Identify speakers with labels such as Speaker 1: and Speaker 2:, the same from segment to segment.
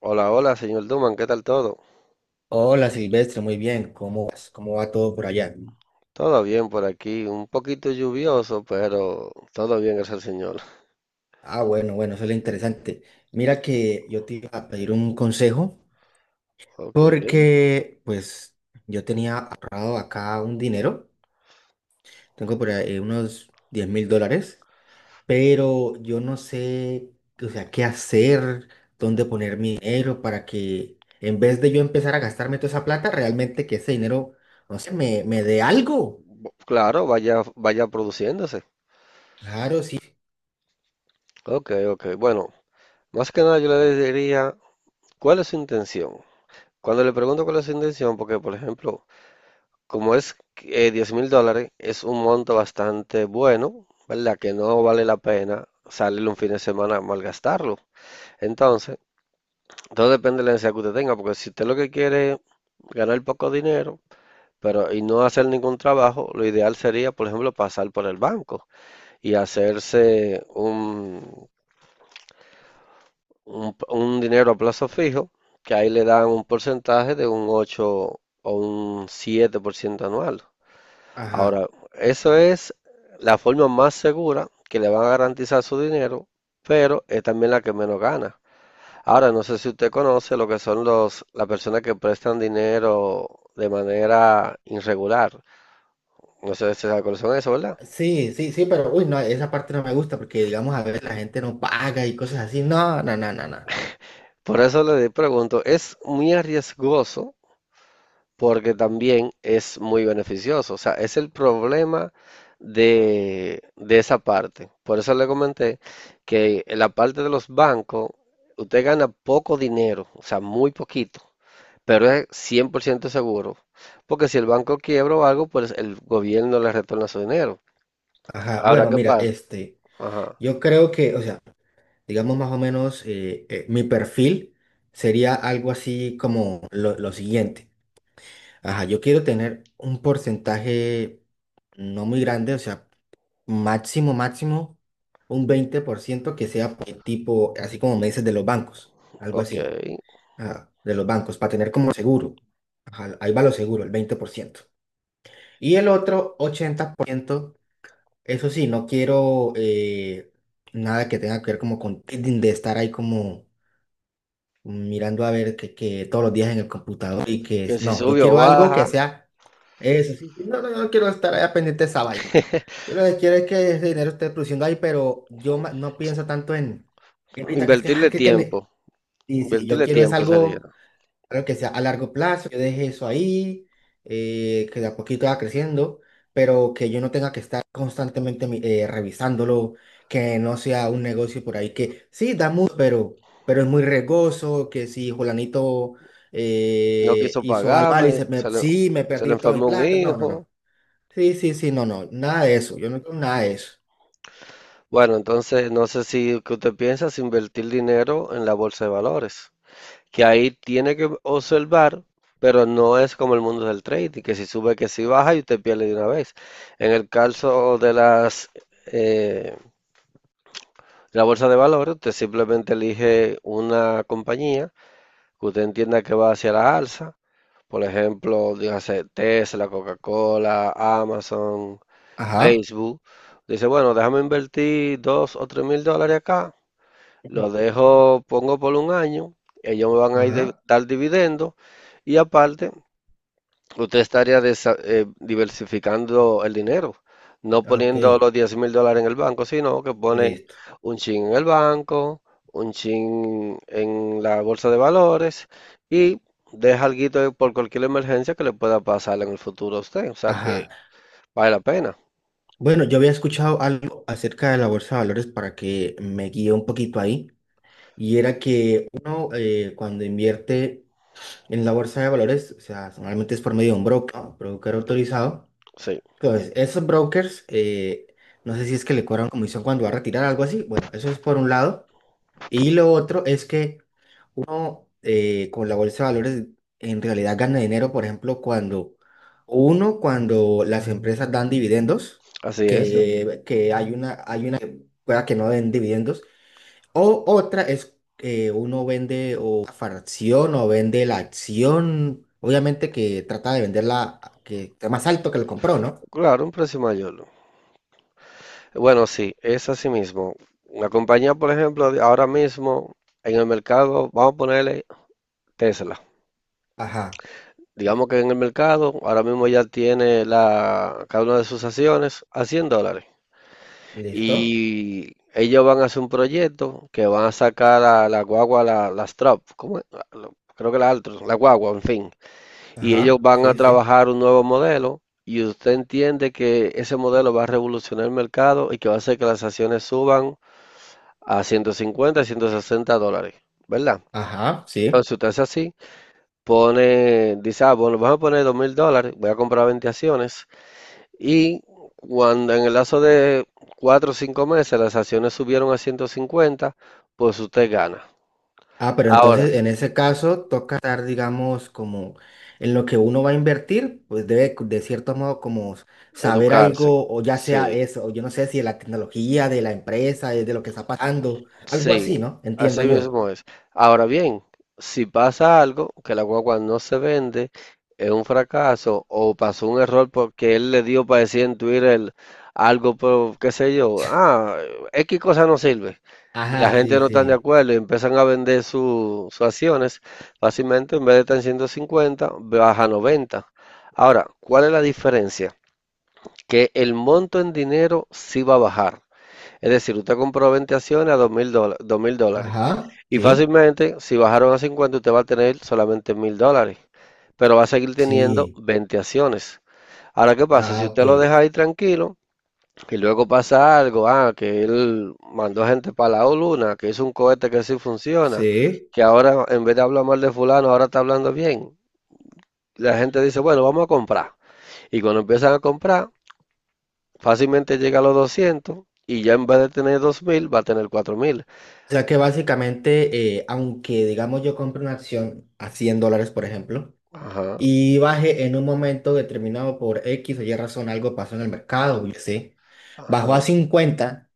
Speaker 1: Hola, hola, señor Duman, ¿qué tal todo?
Speaker 2: Hola Silvestre, muy bien. ¿Cómo vas? ¿Cómo va todo por allá?
Speaker 1: Todo bien por aquí, un poquito lluvioso, pero todo bien, gracias al señor.
Speaker 2: Ah, bueno, bueno, eso es lo interesante. Mira que yo te iba a pedir un consejo
Speaker 1: Ok.
Speaker 2: porque pues yo tenía ahorrado acá un dinero, tengo por ahí unos $10.000, pero yo no sé, o sea, qué hacer, dónde poner mi dinero para que en vez de yo empezar a gastarme toda esa plata, realmente que ese dinero, no sé, me dé algo.
Speaker 1: Claro, vaya, vaya produciéndose.
Speaker 2: Claro, sí.
Speaker 1: Ok, ok, bueno, más que nada yo le diría, ¿cuál es su intención? Cuando le pregunto cuál es su intención, porque por ejemplo, como es 10 mil dólares, es un monto bastante bueno, ¿verdad? Que no vale la pena salir un fin de semana a malgastarlo. Entonces, todo depende de la necesidad que usted tenga, porque si usted lo que quiere es ganar poco dinero, y no hacer ningún trabajo, lo ideal sería, por ejemplo, pasar por el banco y hacerse un dinero a plazo fijo, que ahí le dan un porcentaje de un 8 o un 7% anual.
Speaker 2: Ajá.
Speaker 1: Ahora, eso es la forma más segura que le van a garantizar su dinero, pero es también la que menos gana. Ahora, no sé si usted conoce lo que son las personas que prestan dinero de manera irregular. No sé si sabe cuáles son eso, ¿verdad?
Speaker 2: Sí, sí, sí, pero uy, no, esa parte no me gusta porque, digamos, a veces la gente no paga y cosas así. No, no, no, no, no.
Speaker 1: Por eso le pregunto, es muy arriesgoso porque también es muy beneficioso. O sea, es el problema de esa parte. Por eso le comenté que en la parte de los bancos, usted gana poco dinero, o sea, muy poquito, pero es 100% seguro. Porque si el banco quiebra o algo, pues el gobierno le retorna su dinero.
Speaker 2: Ajá,
Speaker 1: Ahora,
Speaker 2: bueno,
Speaker 1: ¿qué
Speaker 2: mira,
Speaker 1: pasa?
Speaker 2: este,
Speaker 1: Ajá,
Speaker 2: yo creo que, o sea, digamos más o menos, mi perfil sería algo así como lo siguiente. Ajá, yo quiero tener un porcentaje no muy grande, o sea, máximo, máximo, un 20% que sea tipo, así como me dices, de los bancos, algo
Speaker 1: ok.
Speaker 2: así. Ah, de los bancos para tener como seguro. Ajá, ahí va lo seguro, el 20%. Y el otro 80%, eso sí, no quiero nada que tenga que ver como con trading, de estar ahí como mirando a ver que todos los días en el computador y que
Speaker 1: Que
Speaker 2: es,
Speaker 1: si
Speaker 2: no, yo
Speaker 1: sube o
Speaker 2: quiero algo
Speaker 1: baja,
Speaker 2: que sea eso, sí, sí, no, no, no quiero estar ahí pendiente de esa vaina. Yo lo que quiero es que ese dinero esté produciendo ahí, pero yo no pienso tanto en ahorita que es que, ay,
Speaker 1: invertirle tiempo,
Speaker 2: sí, sí, yo
Speaker 1: invertirle
Speaker 2: quiero es
Speaker 1: tiempo sería.
Speaker 2: algo claro que sea a largo plazo, yo deje eso ahí, que de a poquito va creciendo, pero que yo no tenga que estar constantemente revisándolo, que no sea un negocio por ahí que sí da mucho, pero es muy regoso, que si Julanito
Speaker 1: No quiso
Speaker 2: hizo algo
Speaker 1: pagarme,
Speaker 2: mal y
Speaker 1: se le,
Speaker 2: sí, me
Speaker 1: se le
Speaker 2: perdí toda mi
Speaker 1: enfermó un
Speaker 2: plata, no, no,
Speaker 1: hijo.
Speaker 2: no. Sí, sí, sí, no, no, nada de eso, yo no quiero nada de eso.
Speaker 1: Bueno, entonces no sé si que usted piensa es invertir dinero en la bolsa de valores, que ahí tiene que observar, pero no es como el mundo del trading, que si sube, que si baja y usted pierde de una vez. En el caso de las eh, la bolsa de valores, usted simplemente elige una compañía que usted entienda que va hacia la alza. Por ejemplo, dígase Tesla, Coca-Cola, Amazon,
Speaker 2: Ajá.
Speaker 1: Facebook, dice, bueno, déjame invertir dos o tres mil dólares acá,
Speaker 2: Ujú.
Speaker 1: lo dejo, pongo por un año, ellos me van a
Speaker 2: Ajá,
Speaker 1: dar dividendos y aparte, usted estaría diversificando el dinero, no
Speaker 2: ah, ok,
Speaker 1: poniendo los 10 mil dólares en el banco, sino que pone
Speaker 2: listo.
Speaker 1: un chin en el banco, un chin en la bolsa de valores y deja algo por cualquier emergencia que le pueda pasar en el futuro a usted, o sea
Speaker 2: Ajá.
Speaker 1: que vale la pena,
Speaker 2: Bueno, yo había escuchado algo acerca de la bolsa de valores para que me guíe un poquito ahí, y era que uno cuando invierte en la bolsa de valores, o sea, normalmente es por medio de un broker autorizado.
Speaker 1: sí,
Speaker 2: Entonces, esos brokers, no sé si es que le cobran comisión cuando va a retirar algo así. Bueno, eso es por un lado. Y lo otro es que uno con la bolsa de valores en realidad gana dinero, por ejemplo, cuando cuando las empresas dan dividendos,
Speaker 1: así es.
Speaker 2: que hay una que pueda que no den dividendos, o otra es que uno vende o una fracción o vende la acción, obviamente que trata de venderla que esté más alto que lo compró, ¿no?
Speaker 1: Claro, un precio mayor. Bueno, sí, es así mismo. Una compañía, por ejemplo, ahora mismo en el mercado, vamos a ponerle Tesla.
Speaker 2: Ajá,
Speaker 1: Digamos
Speaker 2: listo.
Speaker 1: que en el mercado ahora mismo ya tiene cada una de sus acciones a 100 dólares.
Speaker 2: ¿Listo?
Speaker 1: Y ellos van a hacer un proyecto que van a sacar a la guagua, las Trop, ¿cómo es? Creo que la Altros, la guagua, en fin. Y ellos
Speaker 2: Ajá,
Speaker 1: van a
Speaker 2: sí, sí.
Speaker 1: trabajar un nuevo modelo y usted entiende que ese modelo va a revolucionar el mercado y que va a hacer que las acciones suban a 150, $160, ¿verdad?
Speaker 2: Ajá,
Speaker 1: Entonces
Speaker 2: sí.
Speaker 1: si usted hace así, pone, dice, ah, bueno, vamos a poner 2 mil dólares, voy a comprar 20 acciones y cuando en el lazo de 4 o 5 meses las acciones subieron a 150, pues usted gana.
Speaker 2: Ah, pero
Speaker 1: Ahora,
Speaker 2: entonces en ese caso toca estar, digamos, como en lo que uno va a invertir, pues debe de cierto modo como saber
Speaker 1: educarse.
Speaker 2: algo, o ya sea
Speaker 1: Sí,
Speaker 2: eso, o yo no sé si de la tecnología, de la empresa, de lo que está pasando, algo
Speaker 1: sí,
Speaker 2: así, ¿no?
Speaker 1: así
Speaker 2: Entiendo yo.
Speaker 1: mismo es. Ahora bien, si pasa algo, que la guagua no se vende, es un fracaso o pasó un error porque él le dio para decir en Twitter algo, pero, qué sé yo, ah, X cosa no sirve y la
Speaker 2: Ajá,
Speaker 1: gente
Speaker 2: sí,
Speaker 1: no está de
Speaker 2: sí.
Speaker 1: acuerdo y empiezan a vender sus acciones, fácilmente en vez de estar en 150 baja a 90. Ahora, ¿cuál es la diferencia? Que el monto en dinero sí va a bajar, es decir, usted compró 20 acciones a 2000 dólares.
Speaker 2: Ajá,
Speaker 1: Y
Speaker 2: sí,
Speaker 1: fácilmente, si bajaron a 50, usted va a tener solamente 1000 dólares. Pero va a seguir teniendo
Speaker 2: sí.
Speaker 1: 20 acciones. Ahora, ¿qué pasa? Si
Speaker 2: Ah, ok.
Speaker 1: usted lo deja ahí tranquilo y luego pasa algo, ah, que él mandó gente para la luna, que hizo un cohete que sí funciona,
Speaker 2: Sí.
Speaker 1: que ahora en vez de hablar mal de fulano, ahora está hablando bien. La gente dice, bueno, vamos a comprar. Y cuando empiezan a comprar, fácilmente llega a los 200 y ya en vez de tener 2000, va a tener 4000.
Speaker 2: O sea que básicamente, aunque digamos yo compre una acción a $100, por ejemplo,
Speaker 1: Ajá,
Speaker 2: y baje en un momento determinado por X o Y razón, algo pasó en el mercado, yo sé, bajó a
Speaker 1: ajá.
Speaker 2: 50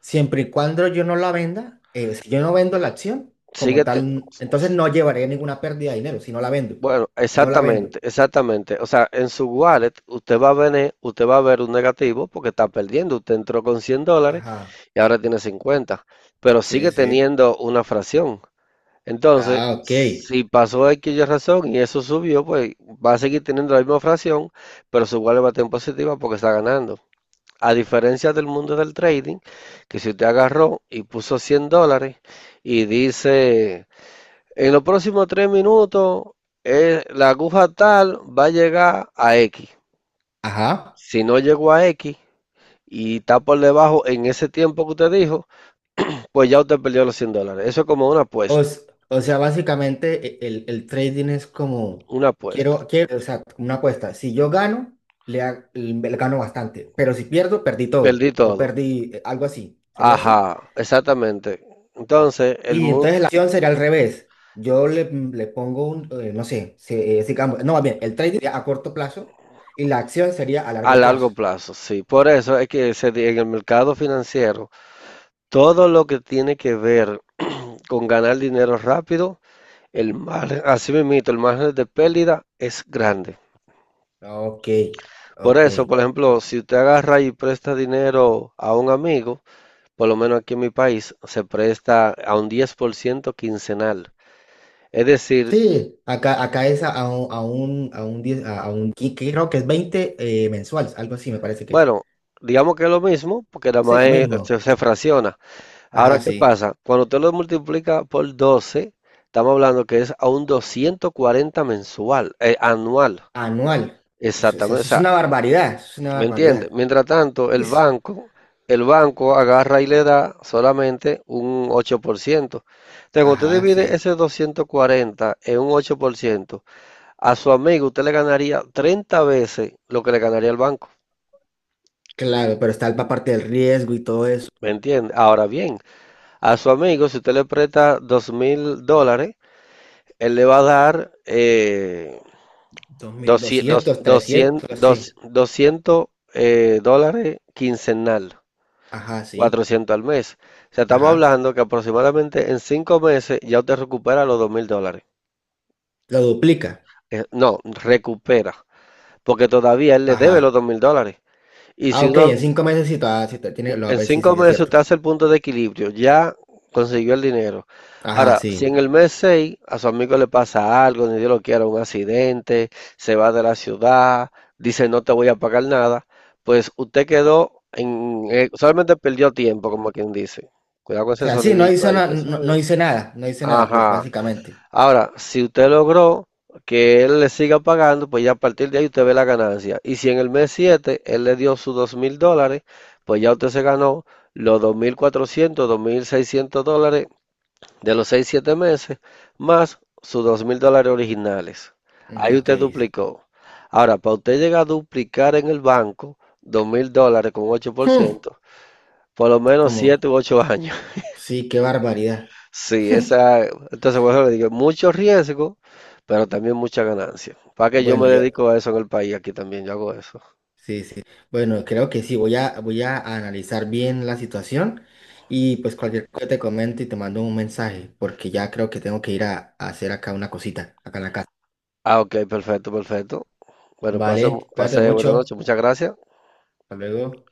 Speaker 2: siempre y cuando yo no la venda, si yo no vendo la acción como
Speaker 1: Sigue, te-
Speaker 2: tal, entonces no llevaré ninguna pérdida de dinero si no la vendo,
Speaker 1: bueno,
Speaker 2: si no la vendo.
Speaker 1: exactamente, exactamente. O sea, en su wallet usted va a ver un negativo porque está perdiendo. Usted entró con 100 dólares
Speaker 2: Ajá,
Speaker 1: y ahora tiene cincuenta, pero
Speaker 2: sí,
Speaker 1: sigue
Speaker 2: sí.
Speaker 1: teniendo una fracción. Entonces,
Speaker 2: Ah, ok.
Speaker 1: si pasó X y razón y eso subió, pues va a seguir teniendo la misma fracción, pero su wallet va a tener positiva porque está ganando. A diferencia del mundo del trading, que si usted agarró y puso 100 dólares y dice... En los próximos 3 minutos, la aguja tal va a llegar a X.
Speaker 2: Ajá.
Speaker 1: Si no llegó a X y está por debajo en ese tiempo que usted dijo, pues ya usted perdió los 100 dólares. Eso es como una
Speaker 2: O,
Speaker 1: apuesta,
Speaker 2: s- o sea, básicamente el trading es como,
Speaker 1: una apuesta.
Speaker 2: quiero, o sea, una apuesta. Si yo gano, le gano bastante, pero si pierdo, perdí todo,
Speaker 1: Perdí
Speaker 2: o
Speaker 1: todo.
Speaker 2: perdí algo así. ¿Sería así?
Speaker 1: Ajá, exactamente. Entonces,
Speaker 2: Y entonces la acción sería al revés. Yo le pongo un, no sé, si, no, más bien, el trading sería a corto plazo y la acción sería a
Speaker 1: a
Speaker 2: largo
Speaker 1: largo
Speaker 2: plazo.
Speaker 1: plazo, sí. Por eso es que en el mercado financiero, todo lo que tiene que ver con ganar dinero rápido, el margen, así mismo, el margen de pérdida es grande.
Speaker 2: Ok,
Speaker 1: Por
Speaker 2: ok.
Speaker 1: eso, por ejemplo, si usted agarra y presta dinero a un amigo, por lo menos aquí en mi país, se presta a un 10% quincenal. Es decir,
Speaker 2: Sí, acá es a un 10 a un, creo que es 20 mensuales, algo así me parece que es.
Speaker 1: bueno, digamos que es lo mismo, porque nada
Speaker 2: Sí,
Speaker 1: más
Speaker 2: lo
Speaker 1: es-
Speaker 2: mismo.
Speaker 1: se, se fracciona. Ahora,
Speaker 2: Ajá,
Speaker 1: ¿qué
Speaker 2: sí.
Speaker 1: pasa? Cuando usted lo multiplica por 12, estamos hablando que es a un 240 mensual, anual.
Speaker 2: Anual. O sea, eso
Speaker 1: Exactamente, o
Speaker 2: es
Speaker 1: sea,
Speaker 2: una barbaridad, eso es una
Speaker 1: ¿me entiende?
Speaker 2: barbaridad.
Speaker 1: Mientras tanto, el banco agarra y le da solamente un 8%. Entonces, cuando usted
Speaker 2: Ajá,
Speaker 1: divide ese
Speaker 2: sí.
Speaker 1: 240 en un 8%, a su amigo usted le ganaría 30 veces lo que le ganaría el banco.
Speaker 2: Claro, pero está la parte del riesgo y todo eso.
Speaker 1: ¿Me entiende? Ahora bien, a su amigo, si usted le presta 2 mil dólares, él le va a dar
Speaker 2: dos mil
Speaker 1: 200,
Speaker 2: doscientos 300
Speaker 1: 200,
Speaker 2: sí.
Speaker 1: 200 dólares quincenal.
Speaker 2: Ajá, sí.
Speaker 1: 400 al mes. O sea, estamos
Speaker 2: Ajá.
Speaker 1: hablando que aproximadamente en 5 meses ya usted recupera los dos mil dólares.
Speaker 2: Lo duplica.
Speaker 1: No, recupera, porque todavía él le debe los
Speaker 2: Ajá.
Speaker 1: dos mil dólares. Y
Speaker 2: Ah,
Speaker 1: si
Speaker 2: ok,
Speaker 1: uno,
Speaker 2: en 5 meses sí, sí, lo va a
Speaker 1: en
Speaker 2: ver, sí, sí,
Speaker 1: cinco
Speaker 2: sí, es
Speaker 1: meses
Speaker 2: cierto.
Speaker 1: usted hace el punto de equilibrio, ya consiguió el dinero.
Speaker 2: Ajá,
Speaker 1: Ahora, si en
Speaker 2: sí.
Speaker 1: el mes 6 a su amigo le pasa algo, ni Dios lo quiera, un accidente, se va de la ciudad, dice no te voy a pagar nada, pues usted quedó en, solamente perdió tiempo, como quien dice. Cuidado con
Speaker 2: O
Speaker 1: ese
Speaker 2: sea, sí,
Speaker 1: sonidito ahí, usted
Speaker 2: no,
Speaker 1: sabe.
Speaker 2: no hice nada, no hice nada, pues
Speaker 1: Ajá.
Speaker 2: básicamente.
Speaker 1: Ahora, si usted logró que él le siga pagando, pues ya a partir de ahí usted ve la ganancia. Y si en el mes 7 él le dio sus dos mil dólares, pues ya usted se ganó los dos mil cuatrocientos, dos mil seiscientos dólares de los seis siete meses, más sus dos mil dólares originales.
Speaker 2: Mm,
Speaker 1: Ahí
Speaker 2: ok.
Speaker 1: usted duplicó. Ahora, para usted llegar a duplicar en el banco dos mil dólares con ocho por
Speaker 2: Hmm,
Speaker 1: ciento, por lo menos
Speaker 2: Como,
Speaker 1: 7 u 8 años.
Speaker 2: sí, qué barbaridad.
Speaker 1: Sí, entonces por eso le digo, mucho riesgo, pero también mucha ganancia. Para que yo
Speaker 2: Bueno,
Speaker 1: me dedico a eso en el país, aquí también yo hago eso.
Speaker 2: sí, sí. Bueno, creo que sí. Voy a analizar bien la situación y pues cualquier cosa te comento y te mando un mensaje porque ya creo que tengo que ir a hacer acá una cosita, acá en la casa.
Speaker 1: Ah, ok, perfecto, perfecto. Bueno, pase,
Speaker 2: Vale, cuídate
Speaker 1: pase buena
Speaker 2: mucho.
Speaker 1: noche, muchas gracias.
Speaker 2: Hasta luego.